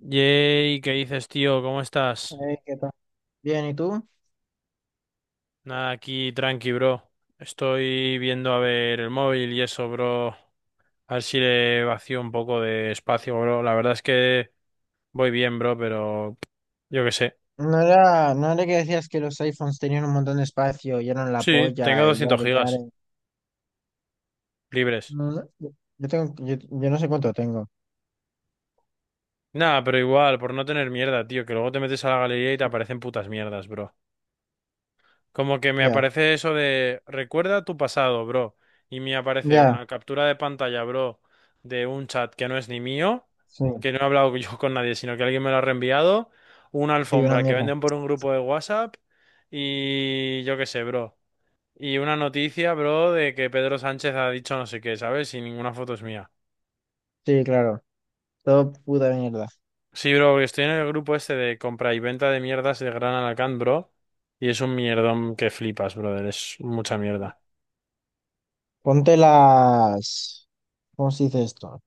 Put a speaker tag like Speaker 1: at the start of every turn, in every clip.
Speaker 1: Yay, ¿qué dices, tío? ¿Cómo estás?
Speaker 2: Ey, ¿qué tal? Bien, ¿y tú?
Speaker 1: Nada, aquí tranqui, bro. Estoy viendo a ver el móvil y eso, bro. A ver si le vacío un poco de espacio, bro. La verdad es que voy bien, bro, pero yo qué sé.
Speaker 2: No era que decías que los iPhones tenían un montón de espacio y eran la
Speaker 1: Sí, tengo
Speaker 2: polla y
Speaker 1: doscientos
Speaker 2: yare
Speaker 1: gigas
Speaker 2: yare.
Speaker 1: libres.
Speaker 2: No, no, yo tengo, yo no sé cuánto tengo.
Speaker 1: Nada, pero igual, por no tener mierda, tío, que luego te metes a la galería y te
Speaker 2: Sí.
Speaker 1: aparecen putas mierdas, bro. Como que me
Speaker 2: Ya,
Speaker 1: aparece eso de recuerda tu pasado, bro. Y me aparece
Speaker 2: ya,
Speaker 1: una captura de pantalla, bro, de un chat que no es ni mío,
Speaker 2: sí,
Speaker 1: que no he hablado yo con nadie, sino que alguien me lo ha reenviado, una
Speaker 2: sí, una
Speaker 1: alfombra que
Speaker 2: mierda.
Speaker 1: venden por un grupo de WhatsApp y yo qué sé, bro. Y una noticia, bro, de que Pedro Sánchez ha dicho no sé qué, ¿sabes? Y ninguna foto es mía.
Speaker 2: Sí, claro, todo puta mierda.
Speaker 1: Sí, bro, porque estoy en el grupo este de compra y venta de mierdas de Gran Alacant, bro. Y es un mierdón que flipas, brother. Es mucha mierda.
Speaker 2: Ponte las, ¿cómo se dice esto?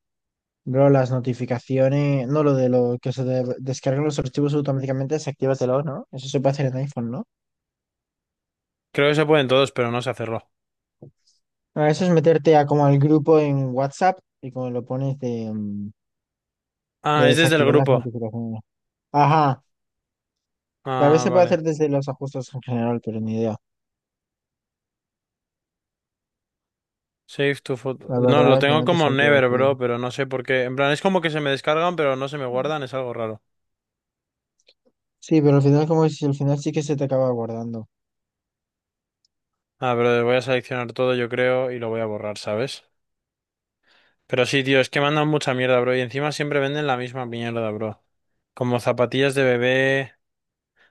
Speaker 2: Bro, las notificaciones, no lo de lo que se de- descargan los archivos automáticamente, desactívatelo, ¿no? Eso se puede hacer en iPhone, ¿no?
Speaker 1: Creo que se pueden todos, pero no se cerró.
Speaker 2: Ah, eso es meterte a como al grupo en WhatsApp y como lo pones de... de
Speaker 1: Ah, es desde el
Speaker 2: desactivar las
Speaker 1: grupo.
Speaker 2: notificaciones. Ajá. Tal vez
Speaker 1: Ah,
Speaker 2: se puede
Speaker 1: vale.
Speaker 2: hacer desde los ajustes en general, pero ni idea.
Speaker 1: Save to photo.
Speaker 2: La
Speaker 1: No,
Speaker 2: verdad
Speaker 1: lo
Speaker 2: es que
Speaker 1: tengo
Speaker 2: no te
Speaker 1: como
Speaker 2: sabría
Speaker 1: never,
Speaker 2: decir.
Speaker 1: bro, pero no sé por qué. En plan, es como que se me descargan, pero no se me guardan, es algo raro.
Speaker 2: Sí, pero al final como si al final sí que se te acaba guardando.
Speaker 1: Ah, pero voy a seleccionar todo, yo creo, y lo voy a borrar, ¿sabes? Pero sí, tío, es que mandan mucha mierda, bro, y encima siempre venden la misma mierda, bro. Como zapatillas de bebé.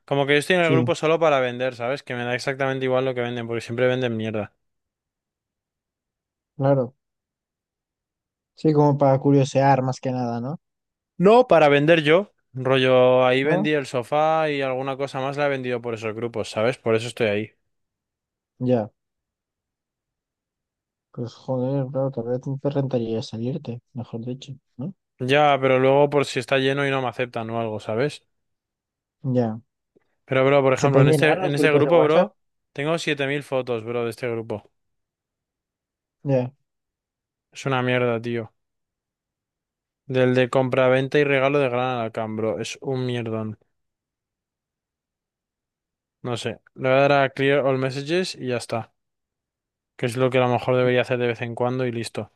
Speaker 1: Como que yo estoy en el
Speaker 2: Sí,
Speaker 1: grupo solo para vender, ¿sabes? Que me da exactamente igual lo que venden, porque siempre venden mierda.
Speaker 2: claro. Sí, como para curiosear más que nada, ¿no?
Speaker 1: No, para vender yo. Rollo, ahí
Speaker 2: ¿No?
Speaker 1: vendí el sofá y alguna cosa más la he vendido por esos grupos, ¿sabes? Por eso estoy ahí.
Speaker 2: Ya. Pues joder, claro, tal vez no te rentaría salirte, mejor dicho, ¿no?
Speaker 1: Ya, pero luego por si está lleno y no me aceptan o algo, ¿sabes?
Speaker 2: Ya.
Speaker 1: Pero, bro, por
Speaker 2: ¿Se
Speaker 1: ejemplo, en
Speaker 2: pueden llenar
Speaker 1: este,
Speaker 2: los
Speaker 1: en este
Speaker 2: grupos de
Speaker 1: grupo,
Speaker 2: WhatsApp?
Speaker 1: bro, tengo 7.000 fotos, bro, de este grupo.
Speaker 2: Ya.
Speaker 1: Es una mierda, tío. Del de compra-venta y regalo de Gran Alacán, bro. Es un mierdón. No sé. Le voy a dar a Clear All Messages y ya está. Que es lo que a lo mejor debería hacer de vez en cuando y listo.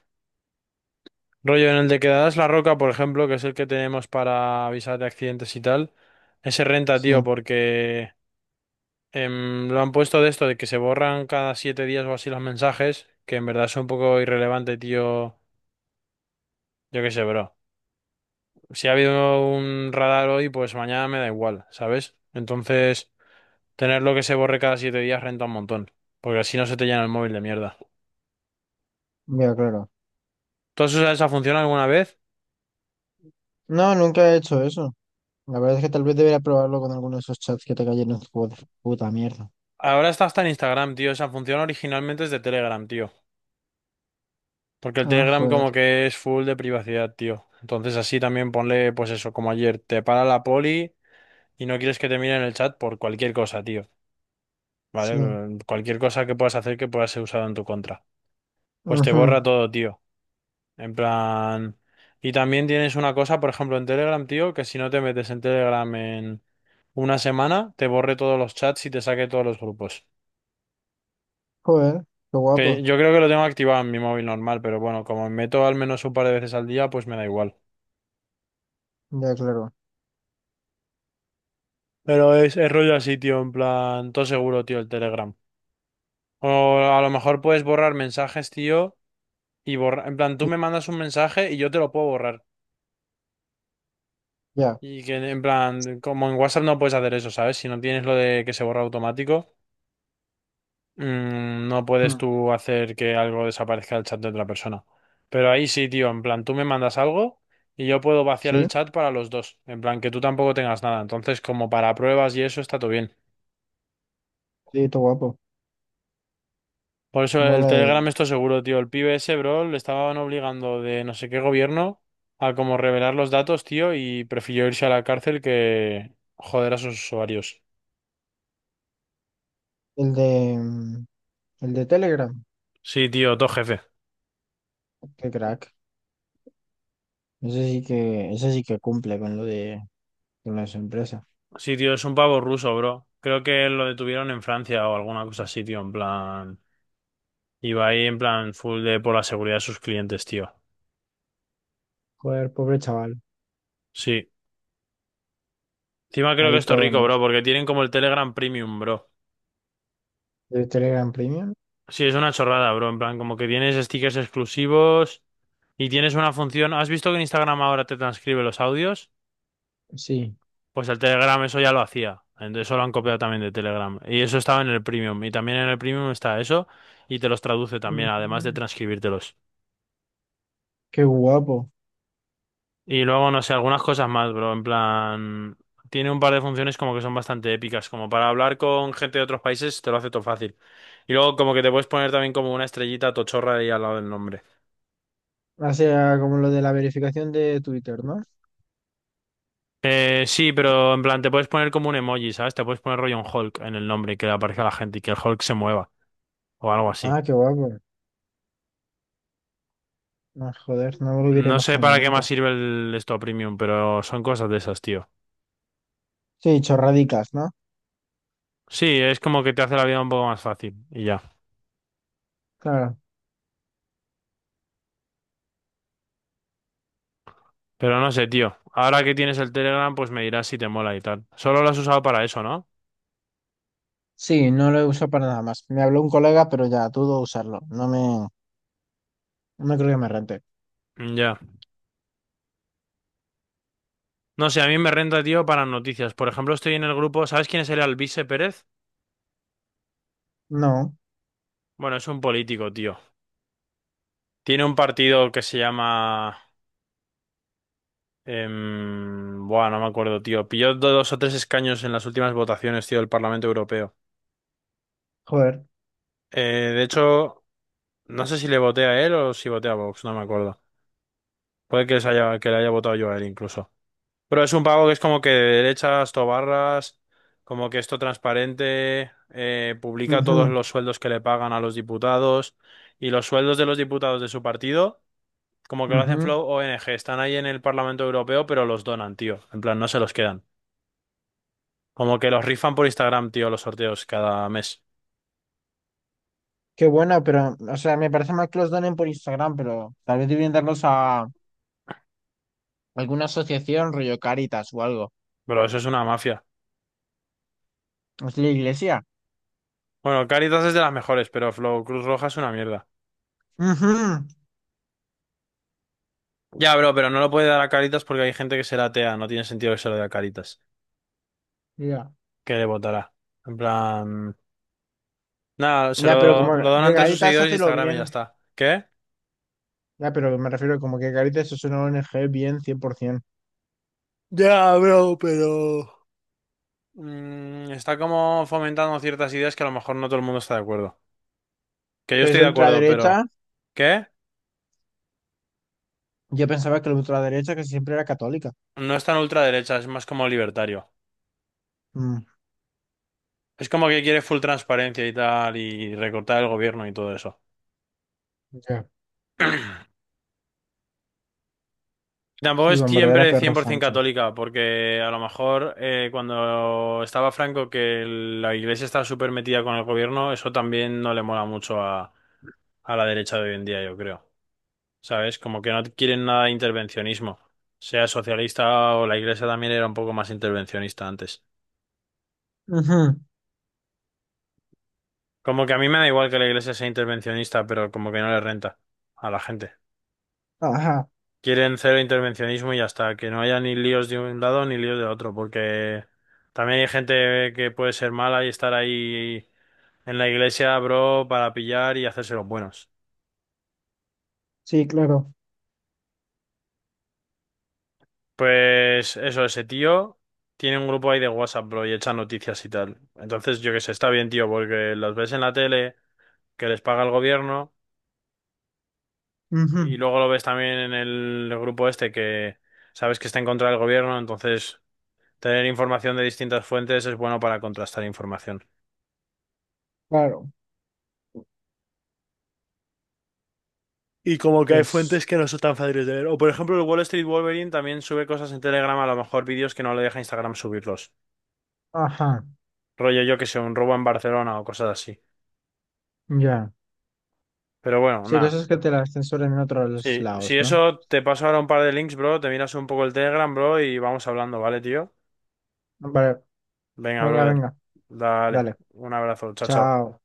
Speaker 1: Rollo en el de Quedadas la Roca, por ejemplo, que es el que tenemos para avisar de accidentes y tal. Ese renta,
Speaker 2: Sí,
Speaker 1: tío, porque lo han puesto de esto, de que se borran cada 7 días o así los mensajes, que en verdad son un poco irrelevante, tío. Yo qué sé, bro. Si ha habido un radar hoy, pues mañana me da igual, ¿sabes? Entonces, tenerlo que se borre cada 7 días renta un montón, porque así no se te llena el móvil de mierda.
Speaker 2: ya, claro.
Speaker 1: ¿Tú has usado esa función alguna vez?
Speaker 2: No, nunca he hecho eso. La verdad es que tal vez debería probarlo con alguno de esos chats que te cayeron de puta mierda.
Speaker 1: Ahora está hasta en Instagram, tío. Esa función originalmente es de Telegram, tío. Porque el
Speaker 2: Ah,
Speaker 1: Telegram
Speaker 2: joder.
Speaker 1: como que es full de privacidad, tío. Entonces así también ponle, pues eso, como ayer, te para la poli y no quieres que te miren el chat por cualquier cosa, tío.
Speaker 2: Sí.
Speaker 1: ¿Vale? Cualquier cosa que puedas hacer que pueda ser usado en tu contra. Pues te
Speaker 2: Ujú.
Speaker 1: borra todo, tío. En plan... Y también tienes una cosa, por ejemplo, en Telegram, tío, que si no te metes en Telegram en una semana, te borre todos los chats y te saque todos los grupos.
Speaker 2: Joder, qué
Speaker 1: Que
Speaker 2: guapo.
Speaker 1: yo creo que lo tengo activado en mi móvil normal, pero bueno, como me meto al menos un par de veces al día, pues me da igual.
Speaker 2: Ya, claro.
Speaker 1: Pero es rollo así, tío, en plan, todo seguro, tío, el Telegram. O a lo mejor puedes borrar mensajes, tío, y borrar, en plan, tú
Speaker 2: Sí,
Speaker 1: me mandas un mensaje y yo te lo puedo borrar.
Speaker 2: ya.
Speaker 1: Y que, en plan, como en WhatsApp no puedes hacer eso, ¿sabes? Si no tienes lo de que se borra automático, no puedes
Speaker 2: Ujú.
Speaker 1: tú hacer que algo desaparezca del chat de otra persona. Pero ahí sí, tío, en plan, tú me mandas algo y yo puedo vaciar
Speaker 2: Sí,
Speaker 1: el chat para los dos. En plan, que tú tampoco tengas nada. Entonces, como para pruebas y eso, está todo bien.
Speaker 2: sí, qué guapo.
Speaker 1: Por eso el
Speaker 2: Mola
Speaker 1: Telegram, esto seguro, tío. El pibe ese, bro, le estaban obligando de no sé qué gobierno a como revelar los datos, tío, y prefirió irse a la cárcel que joder a sus usuarios.
Speaker 2: el de el de Telegram.
Speaker 1: Sí, tío, todo jefe.
Speaker 2: Qué crack. Ese sí que cumple con lo de con las empresas.
Speaker 1: Sí, tío, es un pavo ruso, bro. Creo que lo detuvieron en Francia o alguna cosa así, tío, en plan... Iba ahí en plan full de por la seguridad de sus clientes, tío.
Speaker 2: Joder, pobre chaval.
Speaker 1: Sí. Encima creo que
Speaker 2: Ahí
Speaker 1: esto es
Speaker 2: todo en
Speaker 1: rico, bro,
Speaker 2: eso.
Speaker 1: porque tienen como el Telegram Premium, bro.
Speaker 2: ¿De Telegram Premium?
Speaker 1: Sí, es una chorrada, bro. En plan, como que tienes stickers exclusivos. Y tienes una función. ¿Has visto que en Instagram ahora te transcribe los audios?
Speaker 2: Sí.
Speaker 1: Pues el Telegram eso ya lo hacía. Entonces eso lo han copiado también de Telegram. Y eso estaba en el Premium. Y también en el Premium está eso. Y te los traduce también, además de
Speaker 2: Ujú.
Speaker 1: transcribírtelos.
Speaker 2: Qué guapo.
Speaker 1: Y luego, no sé, algunas cosas más, bro. En plan. Tiene un par de funciones como que son bastante épicas. Como para hablar con gente de otros países, te lo hace todo fácil. Y luego, como que te puedes poner también como una estrellita tochorra ahí al lado del nombre.
Speaker 2: Hace como lo de la verificación de Twitter, ¿no?
Speaker 1: Sí, pero en plan, te puedes poner como un emoji, ¿sabes? Te puedes poner rollo un Hulk en el nombre y que le aparezca a la gente y que el Hulk se mueva o algo así.
Speaker 2: Ah, qué guapo. Ah, joder, no me lo hubiera
Speaker 1: No sé
Speaker 2: imaginado
Speaker 1: para qué más
Speaker 2: nunca.
Speaker 1: sirve el esto premium, pero son cosas de esas, tío.
Speaker 2: Sí, chorradicas, ¿no?
Speaker 1: Sí, es como que te hace la vida un poco más fácil y ya.
Speaker 2: Claro.
Speaker 1: Pero no sé, tío. Ahora que tienes el Telegram, pues me dirás si te mola y tal. Solo lo has usado para eso, ¿no?
Speaker 2: Sí, no lo uso para nada más. Me habló un colega, pero ya dudo usarlo. No me, no creo que me rente.
Speaker 1: Mm, ya. No sé, a mí me renta, tío, para noticias. Por ejemplo, estoy en el grupo. ¿Sabes quién es el Alvise Pérez?
Speaker 2: No,
Speaker 1: Bueno, es un político, tío. Tiene un partido que se llama buah, no me acuerdo, tío. Pilló dos o tres escaños en las últimas votaciones, tío, del Parlamento Europeo.
Speaker 2: joder.
Speaker 1: De hecho, no sé si le voté a él o si voté a Vox, no me acuerdo. Puede que, que le haya votado yo a él incluso. Pero es un pago que es como que de derechas, tobarras, como que esto transparente, publica todos
Speaker 2: Ujú,
Speaker 1: los sueldos que le pagan a los diputados y los sueldos de los diputados de su partido, como que lo hacen
Speaker 2: ujú.
Speaker 1: Flow ONG, están ahí en el Parlamento Europeo, pero los donan, tío. En plan, no se los quedan. Como que los rifan por Instagram, tío, los sorteos cada mes.
Speaker 2: Qué bueno, pero, o sea, me parece mal que los donen por Instagram, pero tal vez debían darlos a alguna asociación, rollo Caritas o algo.
Speaker 1: Bro, eso es una mafia.
Speaker 2: Es la iglesia.
Speaker 1: Bueno, Caritas es de las mejores, pero Flow Cruz Roja es una mierda.
Speaker 2: Ujú.
Speaker 1: Ya, bro, pero no lo puede dar a Caritas porque hay gente que será atea. No tiene sentido que se lo dé a Caritas.
Speaker 2: Ya.
Speaker 1: Que le votará. En plan... Nada, se
Speaker 2: Ya, pero
Speaker 1: lo,
Speaker 2: como
Speaker 1: lo donan
Speaker 2: que
Speaker 1: entre sus
Speaker 2: Caritas
Speaker 1: seguidores de
Speaker 2: hace lo
Speaker 1: Instagram y ya
Speaker 2: bien.
Speaker 1: está. ¿Qué?
Speaker 2: Ya, pero me refiero como que Caritas es una ONG bien 100%.
Speaker 1: Ya, bro, pero... Está como fomentando ciertas ideas que a lo mejor no todo el mundo está de acuerdo. Que yo
Speaker 2: Pero es
Speaker 1: estoy de acuerdo, pero...
Speaker 2: ultraderecha.
Speaker 1: ¿Qué?
Speaker 2: Yo pensaba que la ultraderecha que siempre era católica.
Speaker 1: No es tan ultraderecha, es más como libertario.
Speaker 2: Mm,
Speaker 1: Es como que quiere full transparencia y tal, y recortar el gobierno y todo eso.
Speaker 2: ya.
Speaker 1: Tampoco
Speaker 2: Sí,
Speaker 1: es
Speaker 2: bombardear a
Speaker 1: siempre
Speaker 2: perro
Speaker 1: 100%
Speaker 2: Sánchez.
Speaker 1: católica, porque a lo mejor cuando estaba Franco que la iglesia estaba súper metida con el gobierno, eso también no le mola mucho a, la derecha de hoy en día, yo creo. ¿Sabes? Como que no quieren nada de intervencionismo. Sea socialista o la iglesia también era un poco más intervencionista antes.
Speaker 2: Ujú,
Speaker 1: Como que a mí me da igual que la iglesia sea intervencionista, pero como que no le renta a la gente.
Speaker 2: ajá,
Speaker 1: Quieren cero intervencionismo y ya está, que no haya ni líos de un lado ni líos de otro, porque también hay gente que puede ser mala y estar ahí en la iglesia, bro, para pillar y hacerse los buenos.
Speaker 2: sí, claro.
Speaker 1: Pues eso, ese tío tiene un grupo ahí de WhatsApp, bro, y echa noticias y tal. Entonces, yo qué sé, está bien, tío, porque los ves en la tele, que les paga el gobierno,
Speaker 2: Ujú,
Speaker 1: y luego lo ves también en el grupo este que sabes que está en contra del gobierno, entonces tener información de distintas fuentes es bueno para contrastar información.
Speaker 2: claro,
Speaker 1: Y como que hay
Speaker 2: pues,
Speaker 1: fuentes que no son tan fáciles de ver. O por ejemplo, el Wall Street Wolverine también sube cosas en Telegram, a lo mejor vídeos que no le deja Instagram subirlos.
Speaker 2: ajá,
Speaker 1: Rollo yo que sé, un robo en Barcelona o cosas así.
Speaker 2: ya.
Speaker 1: Pero bueno,
Speaker 2: Sí,
Speaker 1: nada.
Speaker 2: cosas que te las censuran en otros
Speaker 1: Sí,
Speaker 2: lados,
Speaker 1: si
Speaker 2: ¿no?
Speaker 1: eso te paso ahora un par de links, bro, te miras un poco el Telegram, bro, y vamos hablando, ¿vale, tío?
Speaker 2: Vale,
Speaker 1: Venga,
Speaker 2: venga,
Speaker 1: brother.
Speaker 2: venga,
Speaker 1: Dale.
Speaker 2: dale.
Speaker 1: Un abrazo. Chao, chao.
Speaker 2: Chao.